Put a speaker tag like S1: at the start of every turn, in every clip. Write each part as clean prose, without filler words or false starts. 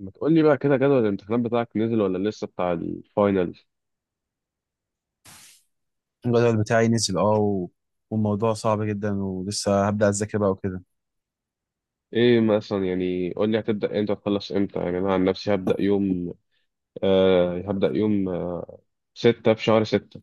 S1: ما تقول لي بقى كده جدول الامتحانات بتاعك نزل ولا لسه بتاع الفاينل؟
S2: الجدول بتاعي نزل والموضوع صعب جدا، ولسه هبدأ أذاكر بقى وكده.
S1: ايه مثلا؟ يعني قول لي هتبدأ امتى، هتخلص امتى؟ يعني انا عن نفسي هبدأ يوم ستة في شهر ستة،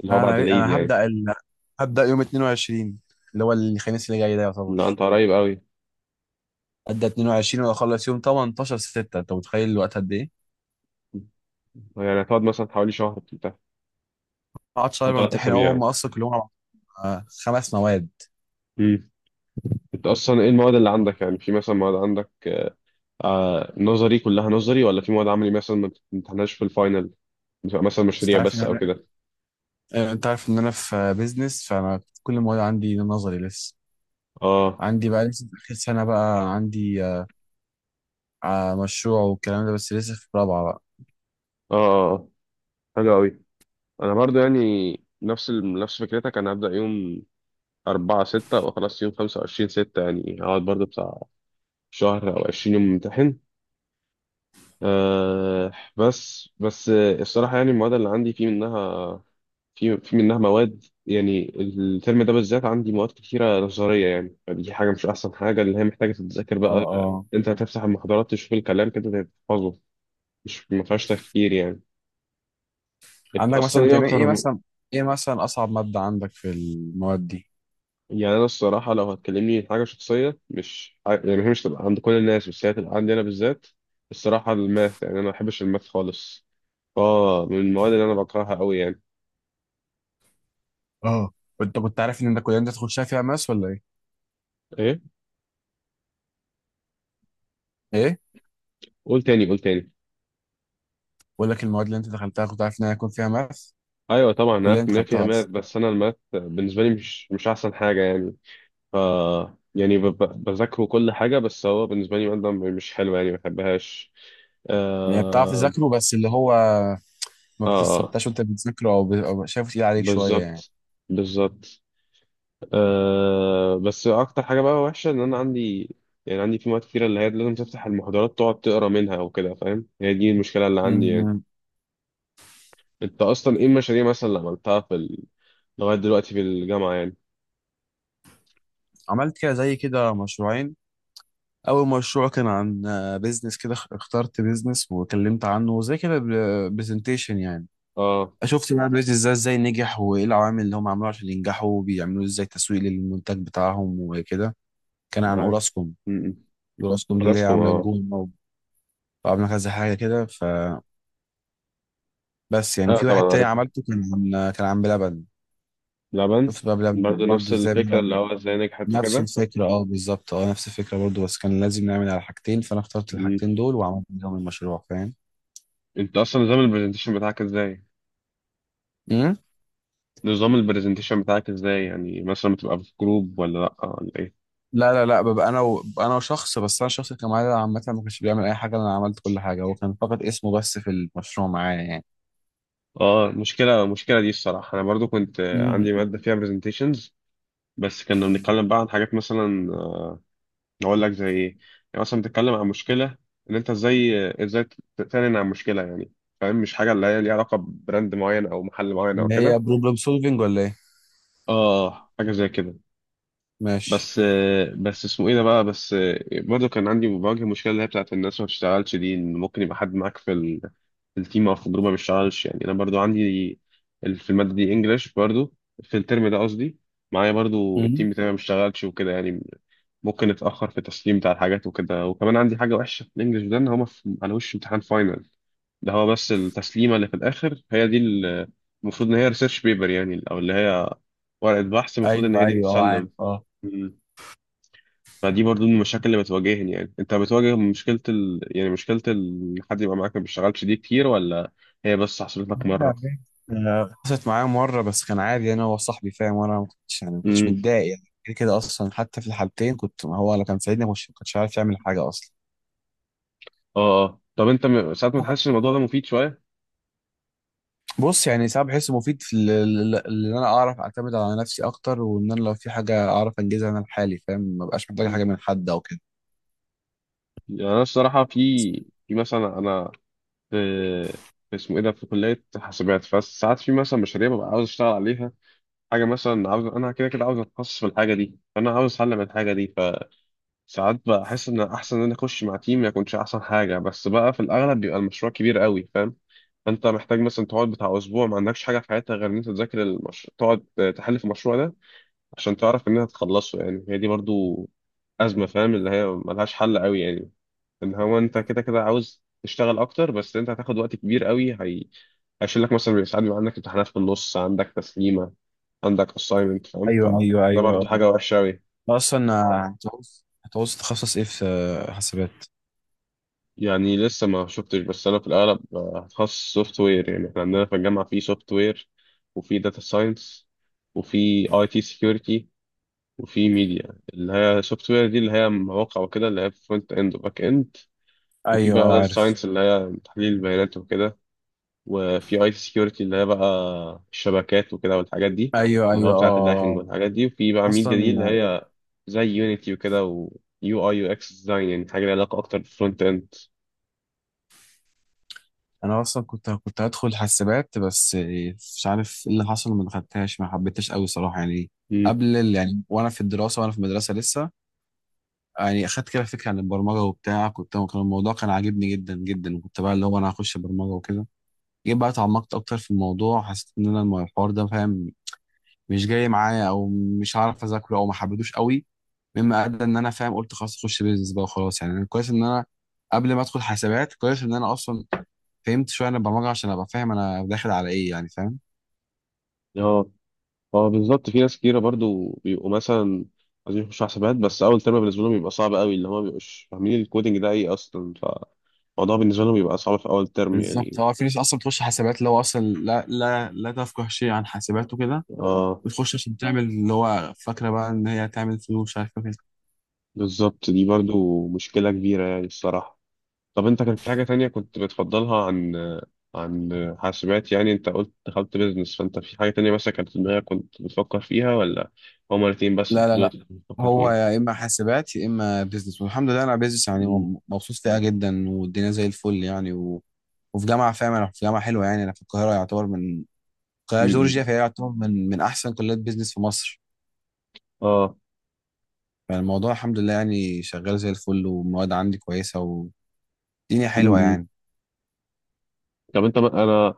S1: اللي هو
S2: لا،
S1: بعد
S2: أنا
S1: العيد
S2: أنا
S1: يعني.
S2: هبدأ يوم 22، اللي هو الخميس اللي جاي، ده
S1: لا انت
S2: يعتبر.
S1: قريب قوي.
S2: أبدأ 22 وأخلص يوم 18 6، أنت متخيل الوقت قد إيه؟
S1: يعني هتقعد مثلا حوالي شهر بتاع
S2: قعدت
S1: او
S2: شهر
S1: ثلاث
S2: بمتحن
S1: اسابيع
S2: أهو، هم
S1: يعني.
S2: أصلا كلهم خمس مواد.
S1: مم. انت اصلا ايه المواد اللي عندك؟ يعني في مثلا مواد عندك نظري كلها نظري ولا في مواد عملي مثلا ما بتمتحنهاش في الفاينل؟ بتبقى مثلا
S2: بس أنت
S1: مشاريع
S2: عارف إن
S1: بس او
S2: أنا
S1: كده؟
S2: آه، أنت عارف إن أنا في بيزنس، فأنا كل المواد عندي نظري لسه.
S1: اه،
S2: عندي بقى لسه في آخر سنة، بقى عندي مشروع والكلام ده، بس لسه في رابعة بقى.
S1: اه، آه، آه. حلو قوي. انا برضو يعني نفس فكرتك. انا هبدأ يوم 4 6 وخلاص يوم 25 6، يعني هقعد برضو بتاع شهر او 20 يوم امتحن. أه بس الصراحة يعني المواد اللي عندي في منها مواد، يعني الترم ده بالذات عندي مواد كتيرة نظرية، يعني فدي حاجة مش أحسن حاجة، اللي هي محتاجة تتذاكر بقى.
S2: اه،
S1: أنت هتفتح المحاضرات، تشوف الكلام كده، تحفظه، مش ما فيهاش تفكير يعني. أنت
S2: عندك
S1: أصلا
S2: مثلا
S1: إيه
S2: تمام ايه
S1: أكتر؟
S2: مثلا ايه مثلا اصعب ماده عندك في المواد دي؟
S1: يعني انا الصراحه لو هتكلمني في حاجه شخصيه، مش ع- يعني هي مش تبقى عند كل الناس، بس هي تبقى عندي انا بالذات. الصراحه الماث، يعني انا ما بحبش الماث خالص، اه، من المواد اللي انا بكرهها قوي يعني.
S2: اه، انت كنت عارف ان انت الكليه اللي انت تخشها فيها ماس ولا ايه؟
S1: ايه؟
S2: ايه؟
S1: قول تاني، قول تاني.
S2: بقول لك المواد اللي انت دخلتها كنت عارف ان هي هيكون فيها ماس؟
S1: ايوه طبعا أنا
S2: الكليه اللي
S1: عارف
S2: انت
S1: ان هي فيها
S2: دخلتها
S1: ماث،
S2: اصلا.
S1: بس انا الماث بالنسبه لي مش احسن حاجه يعني. ف يعني بذاكره كل حاجه، بس هو بالنسبه لي ماده مش حلوه يعني، ما بحبهاش.
S2: يعني بتعرف
S1: اه،
S2: تذاكره بس اللي هو ما
S1: اه، آه،
S2: بتستمتعش وانت بتذاكره أو شايفه تقيل عليك شويه يعني.
S1: بالظبط، بالظبط. بس اكتر حاجه بقى وحشه ان انا عندي، يعني عندي في مواد كتيره اللي هي لازم تفتح المحاضرات، تقعد تقرا منها او كده، فاهم؟ هي دي المشكله اللي عندي يعني.
S2: مم.
S1: انت اصلا ايه المشاريع مثلا اللي عملتها لغايه دلوقتي في الجامعه يعني؟
S2: عملت كده زي كده مشروعين. اول مشروع كان عن بيزنس كده، اخترت بيزنس وكلمت عنه زي كده برزنتيشن يعني.
S1: اه.
S2: شفت بقى بيز ازاي نجح، وايه العوامل اللي هم عملوها عشان ينجحوا، وبيعملوا ازاي تسويق للمنتج بتاعهم وكده. كان عن
S1: معاك.
S2: اوراسكوم.
S1: امم.
S2: اوراسكوم دي اللي هي
S1: راسكم،
S2: عامله
S1: اه.
S2: الجون، وعامله كذا حاجه كده فبس يعني.
S1: اه
S2: وفي
S1: طبعا
S2: واحد تاني
S1: عارفها.
S2: عملته، كان عن بلبن.
S1: لبن.
S2: شفت بقى بلبن
S1: برضه نفس
S2: برضه ازاي
S1: الفكره اللي
S2: بلبن.
S1: هو ازاي نجحت
S2: نفس
S1: وكده.
S2: الفكره، اه بالظبط، اه نفس الفكره برضه، بس كان لازم نعمل على حاجتين، فانا اخترت
S1: مم.
S2: الحاجتين دول وعملت بيهم المشروع.
S1: انت اصلا نظام البرزنتيشن بتاعك ازاي؟
S2: فاهم.
S1: نظام البرزنتيشن بتاعك ازاي؟ يعني مثلا بتبقى في جروب ولا لا ولا ايه؟
S2: لا لا لا، ببقى انا انا وشخص بس، انا الشخص اللي كان معايا ده عامه ما كانش بيعمل اي حاجه، انا عملت كل حاجه، هو كان فقط اسمه بس في المشروع معايا يعني.
S1: اه، مشكلة دي الصراحة. أنا برضو كنت
S2: مم.
S1: عندي مادة فيها presentations، بس كنا بنتكلم بقى عن حاجات مثلا. أقول لك زي إيه؟ يعني مثلا بتتكلم عن مشكلة، إن أنت إزاي إزاي تعلن عن مشكلة يعني، فاهم؟ مش حاجة اللي هي ليها علاقة ببراند معين أو محل معين أو
S2: اللي هي
S1: كده.
S2: بروبلم سولفنج ولا ايه؟
S1: اه، حاجة زي كده.
S2: ماشي.
S1: بس بس اسمه ايه ده بقى؟ بس برضه كان عندي، بواجه مشكله اللي هي بتاعت الناس ما بتشتغلش دي، ان ممكن يبقى حد معاك في التيم او في الجروب ما بيشتغلش يعني. انا برضه عندي في الماده دي انجلش برضه، في الترم ده قصدي، معايا برضه
S2: مم.
S1: التيم بتاعي ما بيشتغلش وكده يعني. ممكن اتاخر في التسليم بتاع الحاجات وكده، وكمان عندي حاجه وحشه في الانجلش ده ان على وش امتحان فاينل، ده هو بس التسليمه اللي في الاخر، هي دي المفروض ان هي ريسيرش بيبر يعني، او اللي هي ورقه بحث، المفروض ان
S2: ايوه
S1: هي دي
S2: ايوه، اه عارف،
S1: تسلم.
S2: اه.
S1: فدي برضو من المشاكل اللي بتواجهني يعني. انت بتواجه يعني مشكلة حد يبقى معاك ما بيشتغلش دي كتير، ولا هي بس حصلت لك
S2: لا،
S1: مرة؟
S2: جامد. آه، حصلت معايا مره بس كان عادي يعني، هو صاحبي فاهم، وانا ما كنتش يعني ما كنتش
S1: امم.
S2: متضايق يعني، كده كده اصلا. حتى في الحالتين كنت، ما هو لو كان ساعدني ما كنتش عارف يعمل حاجه اصلا.
S1: اه، اه. طب انت ساعات ما تحسش الموضوع ده مفيد شوية؟
S2: بص، يعني ساعات بحس مفيد في ان انا اعرف اعتمد على نفسي اكتر، وان انا لو في حاجه اعرف انجزها انا لحالي فاهم، ما بقاش محتاج
S1: مم.
S2: حاجه من حد او كده.
S1: يعني انا الصراحة، في في مثلا انا في في اسمه ايه ده، في كلية حاسبات، فساعات في مثلا مشاريع ببقى عاوز اشتغل عليها، حاجة مثلا عاوز، انا كده كده عاوز اتخصص في الحاجة دي، فانا عاوز اتعلم الحاجة دي. ساعات بحس ان احسن ان انا اخش مع تيم، ما يكونش احسن حاجه، بس بقى في الاغلب بيبقى المشروع كبير قوي، فاهم؟ انت محتاج مثلا تقعد بتاع اسبوع ما عندكش حاجه في حياتك غير ان انت تذاكر المشروع، تقعد تحل في المشروع ده عشان تعرف ان انت تخلصه يعني. هي دي برضو ازمه فاهم، اللي هي ملهاش حل قوي يعني، ان هو انت كده كده عاوز تشتغل اكتر، بس انت هتاخد وقت كبير قوي. هي هيشيل لك مثلا ساعات بيبقى عندك امتحانات في النص، عندك تسليمه، عندك assignment، فاهم؟
S2: ايوه
S1: فده
S2: ايوه
S1: برضو
S2: ايوه.
S1: حاجه وحشه قوي.
S2: اصلا هتعوز تخصص ايه في حسابات؟
S1: يعني لسه ما شفتش، بس انا في الاغلب هتخصص سوفت وير. يعني احنا عندنا في الجامعه في سوفت وير، وفي داتا ساينس، وفي اي تي سكيورتي، وفي ميديا. اللي هي سوفت وير دي اللي هي مواقع وكده، اللي هي فرونت اند وباك اند، وفي
S2: ايوه
S1: بقى
S2: اه
S1: داتا
S2: عارف،
S1: ساينس اللي هي تحليل البيانات وكده، وفي اي تي سكيورتي اللي هي بقى الشبكات وكده والحاجات دي،
S2: ايوه
S1: اللي هو
S2: ايوه
S1: بتاعه اللاهينج
S2: اه.
S1: والحاجات دي، وفي بقى ميديا دي اللي
S2: اصلا
S1: هي زي يونيتي وكده، ويو اي يو اكس ديزاين، يعني حاجه لها علاقه اكتر بالفرونت اند.
S2: انا اصلا كنت هدخل حسابات، بس مش عارف ايه اللي حصل، ما دخلتهاش ما حبيتهاش قوي صراحه يعني. يعني وانا في المدرسه لسه يعني، اخدت كده فكره عن البرمجه وبتاع، كان الموضوع كان عاجبني جدا جدا، كنت بقى اللي هو انا هخش برمجه وكده. جيت بقى اتعمقت اكتر في الموضوع، حسيت ان انا الحوار ده فاهم مش جاي معايا، او مش هعرف اذاكره، او ما حبيتوش قوي، مما ادى ان انا فاهم قلت خلاص اخش بيزنس بقى وخلاص يعني. أنا كويس ان انا قبل ما ادخل حسابات، كويس ان انا اصلا فهمت شويه عن البرمجه عشان ابقى فاهم انا داخل على ايه يعني فاهم.
S1: مم. اه بالظبط، في ناس كتيرة برضو بيبقوا مثلا عايزين يخشوا حسابات، بس أول ترم بالنسبة لهم بيبقى صعب قوي، اللي هما مبيبقوش فاهمين الكودينج ده إيه أصلا، فالموضوع بالنسبة لهم بيبقى صعب في أول ترم
S2: بالظبط،
S1: يعني.
S2: هو في ناس اصلا بتخش حسابات اللي هو اصلا لا لا لا تفقه شيء عن حسابات وكده.
S1: اه،
S2: بتخش عشان تعمل اللي هو فاكرة بقى إن هي تعمل فلوس، مش عارف كده.
S1: بالظبط، دي برضو مشكلة كبيرة يعني الصراحة. طب أنت كان في حاجة تانية كنت بتفضلها عن، عن حاسبات يعني؟ أنت قلت دخلت بيزنس، فأنت في حاجة تانية مثلا كانت في دماغك كنت بتفكر فيها، ولا هما الاتنين بس
S2: لا لا
S1: دول
S2: لا،
S1: اللي كنت بتفكر
S2: هو
S1: فيهم؟
S2: يا اما حاسبات يا اما بيزنس، والحمد لله انا بيزنس يعني،
S1: م-،
S2: مبسوط فيها جدا والدنيا زي الفل يعني وفي جامعه فاهم، انا في جامعه حلوه يعني، انا في القاهره، يعتبر من القاهره
S1: م-،
S2: جورجيا،
S1: م.
S2: فهي يعتبر من احسن كليات بيزنس في مصر.
S1: اه،
S2: فالموضوع الحمد لله يعني شغال زي الفل، والمواد عندي كويسه، والدنيا
S1: م-،
S2: حلوه
S1: م.
S2: يعني.
S1: طب أنت، أنا،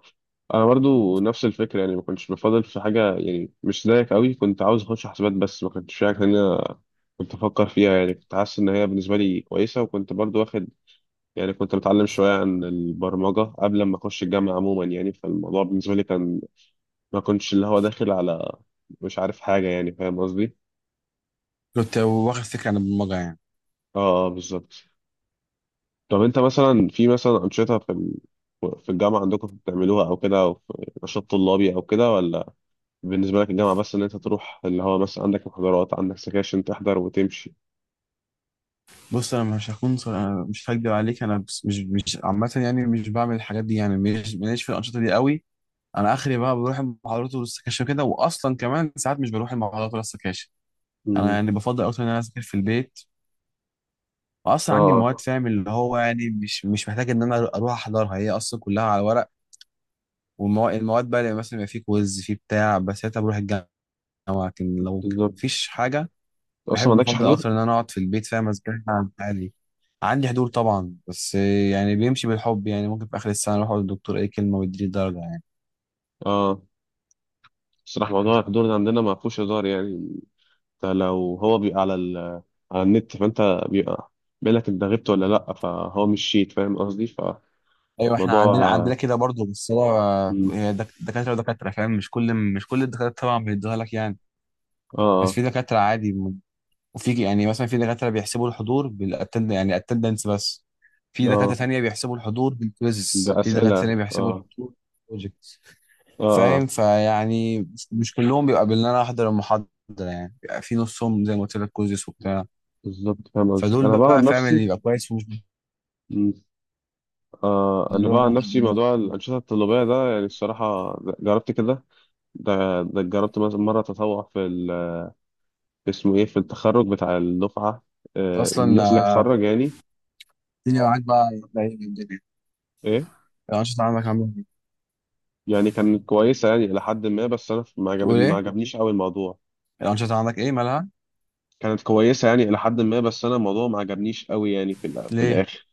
S1: انا برضو نفس الفكره يعني. ما كنتش بفضل في حاجه يعني، مش زيك قوي. كنت عاوز اخش حسابات، بس ما كنتش شايف ان انا، كنت افكر فيها يعني، كنت حاسس ان هي بالنسبه لي كويسه، وكنت برضو واخد، يعني كنت بتعلم شويه عن البرمجه قبل ما اخش الجامعه عموما يعني، فالموضوع بالنسبه لي كان ما كنتش اللي هو داخل على، مش عارف حاجه يعني، فاهم قصدي؟
S2: كنت واخد فكره عن البرمجه يعني.
S1: اه، بالظبط. طب انت مثلا، في مثلا انشطه في الجامعه عندكم بتعملوها او كده، او في نشاط طلابي او كده، ولا بالنسبة لك الجامعة بس إن أنت تروح اللي هو مثلا عندك محاضرات، عندك سكاشن، تحضر وتمشي؟
S2: بص، انا مش هكون صر... أنا مش هكدب عليك، انا بس مش عامه يعني، مش بعمل الحاجات دي يعني، مش ماليش في الانشطه دي قوي. انا اخري بقى بروح المحاضرات والسكاشن كده، واصلا كمان ساعات مش بروح المحاضرات ولا السكاشن. انا
S1: امم.
S2: يعني بفضل اكتر ان انا اذاكر في البيت.
S1: اه،
S2: واصلا عندي مواد فاهم اللي هو يعني مش محتاج ان انا اروح احضرها، هي اصلا كلها على ورق. والمواد المواد بقى اللي مثلا يبقى في كويز في بتاع، بس ساعتها بروح الجامعه. لكن لو
S1: بالظبط.
S2: مفيش حاجه،
S1: أصلا
S2: بحب
S1: ما عندكش
S2: الفضاء
S1: حضور؟
S2: اكتر ان انا اقعد في البيت فاهم ازاي. عادي، عندي حضور طبعا، بس يعني بيمشي بالحب يعني، ممكن في اخر السنه اروح اقول للدكتور اي كلمه ويديني درجه يعني.
S1: اه. الصراحة موضوع الحضور ده عندنا ما فيهوش هزار يعني. أنت لو هو بيبقى على النت، فأنت بيبقى بيقول لك أنت غبت ولا لأ، فهو مش شيت فاهم قصدي،
S2: ايوه، احنا
S1: فموضوع. صح،
S2: عندنا
S1: اه.
S2: كده برضه، بس هو
S1: مم.
S2: هي دكاتره ودكاتره فاهم، مش كل الدكاتره طبعا بيدوها لك يعني. بس في
S1: اه،
S2: دكاتره عادي وفي يعني مثلا في دكاتره بيحسبوا الحضور بالاتند يعني اتندنس بس، في دكاتره
S1: اه،
S2: ثانيه بيحسبوا الحضور بالكويزز، في دكاتره ثانيه
S1: بأسئلة،
S2: بيحسبوا
S1: اه،
S2: الحضور بالبروجكت
S1: اه،
S2: فاهم.
S1: آه.
S2: فيعني مش كلهم بيبقى ان انا احضر المحاضره، يعني بيبقى في نصهم زي ما قلت لك كوزيس وبتاع.
S1: بالظبط، فاهم قصدي.
S2: فدول
S1: أنا بقى
S2: بقى
S1: عن
S2: فاهم
S1: نفسي
S2: اللي يبقى كويس ومش
S1: آه انا بقى عن
S2: بيحضرهم
S1: نفسي موضوع الانشطه الطلابيه ده، يعني الصراحه جربت كده. ده ده جربت مثلا مره تطوع اسمه ايه، في التخرج بتاع الدفعه،
S2: اصلا.
S1: الناس اللي هتخرج يعني.
S2: الدنيا معاك، بقى إيه الدنيا؟
S1: ايه؟
S2: الانشطه عندك عامله ايه؟
S1: يعني كانت كويسه يعني الى حد ما، بس انا ما
S2: تقول
S1: عجبني ما
S2: ايه؟
S1: عجبنيش قوي الموضوع.
S2: الانشطه عندك ايه مالها؟
S1: كانت كويسه يعني الى حد ما، بس انا الموضوع ما عجبنيش قوي يعني في
S2: ليه؟
S1: الاخر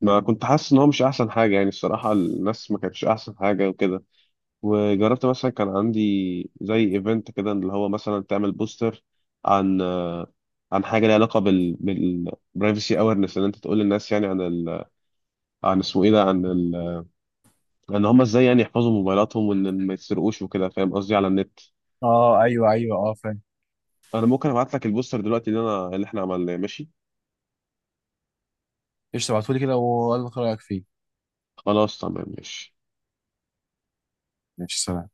S1: ما كنت حاسس ان هو مش احسن حاجه يعني. الصراحه الناس ما كانتش احسن حاجه وكده. وجربت مثلا كان عندي زي ايفنت كده اللي هو مثلا تعمل بوستر عن عن حاجه ليها علاقه بالبرايفسي اويرنس، ان انت تقول للناس يعني عن اسمه ايه ده، ان هم ازاي يعني يحفظوا موبايلاتهم وان ما يسرقوش وكده، فاهم قصدي؟ على النت.
S2: اه، ايوه ايوه اه فاهم.
S1: انا ممكن ابعت لك البوستر دلوقتي اللي احنا عملناه، ماشي؟
S2: ايش تبعتولي كده وقول لك رايك فيه.
S1: خلاص، تمام، ماشي.
S2: ماشي، سلام.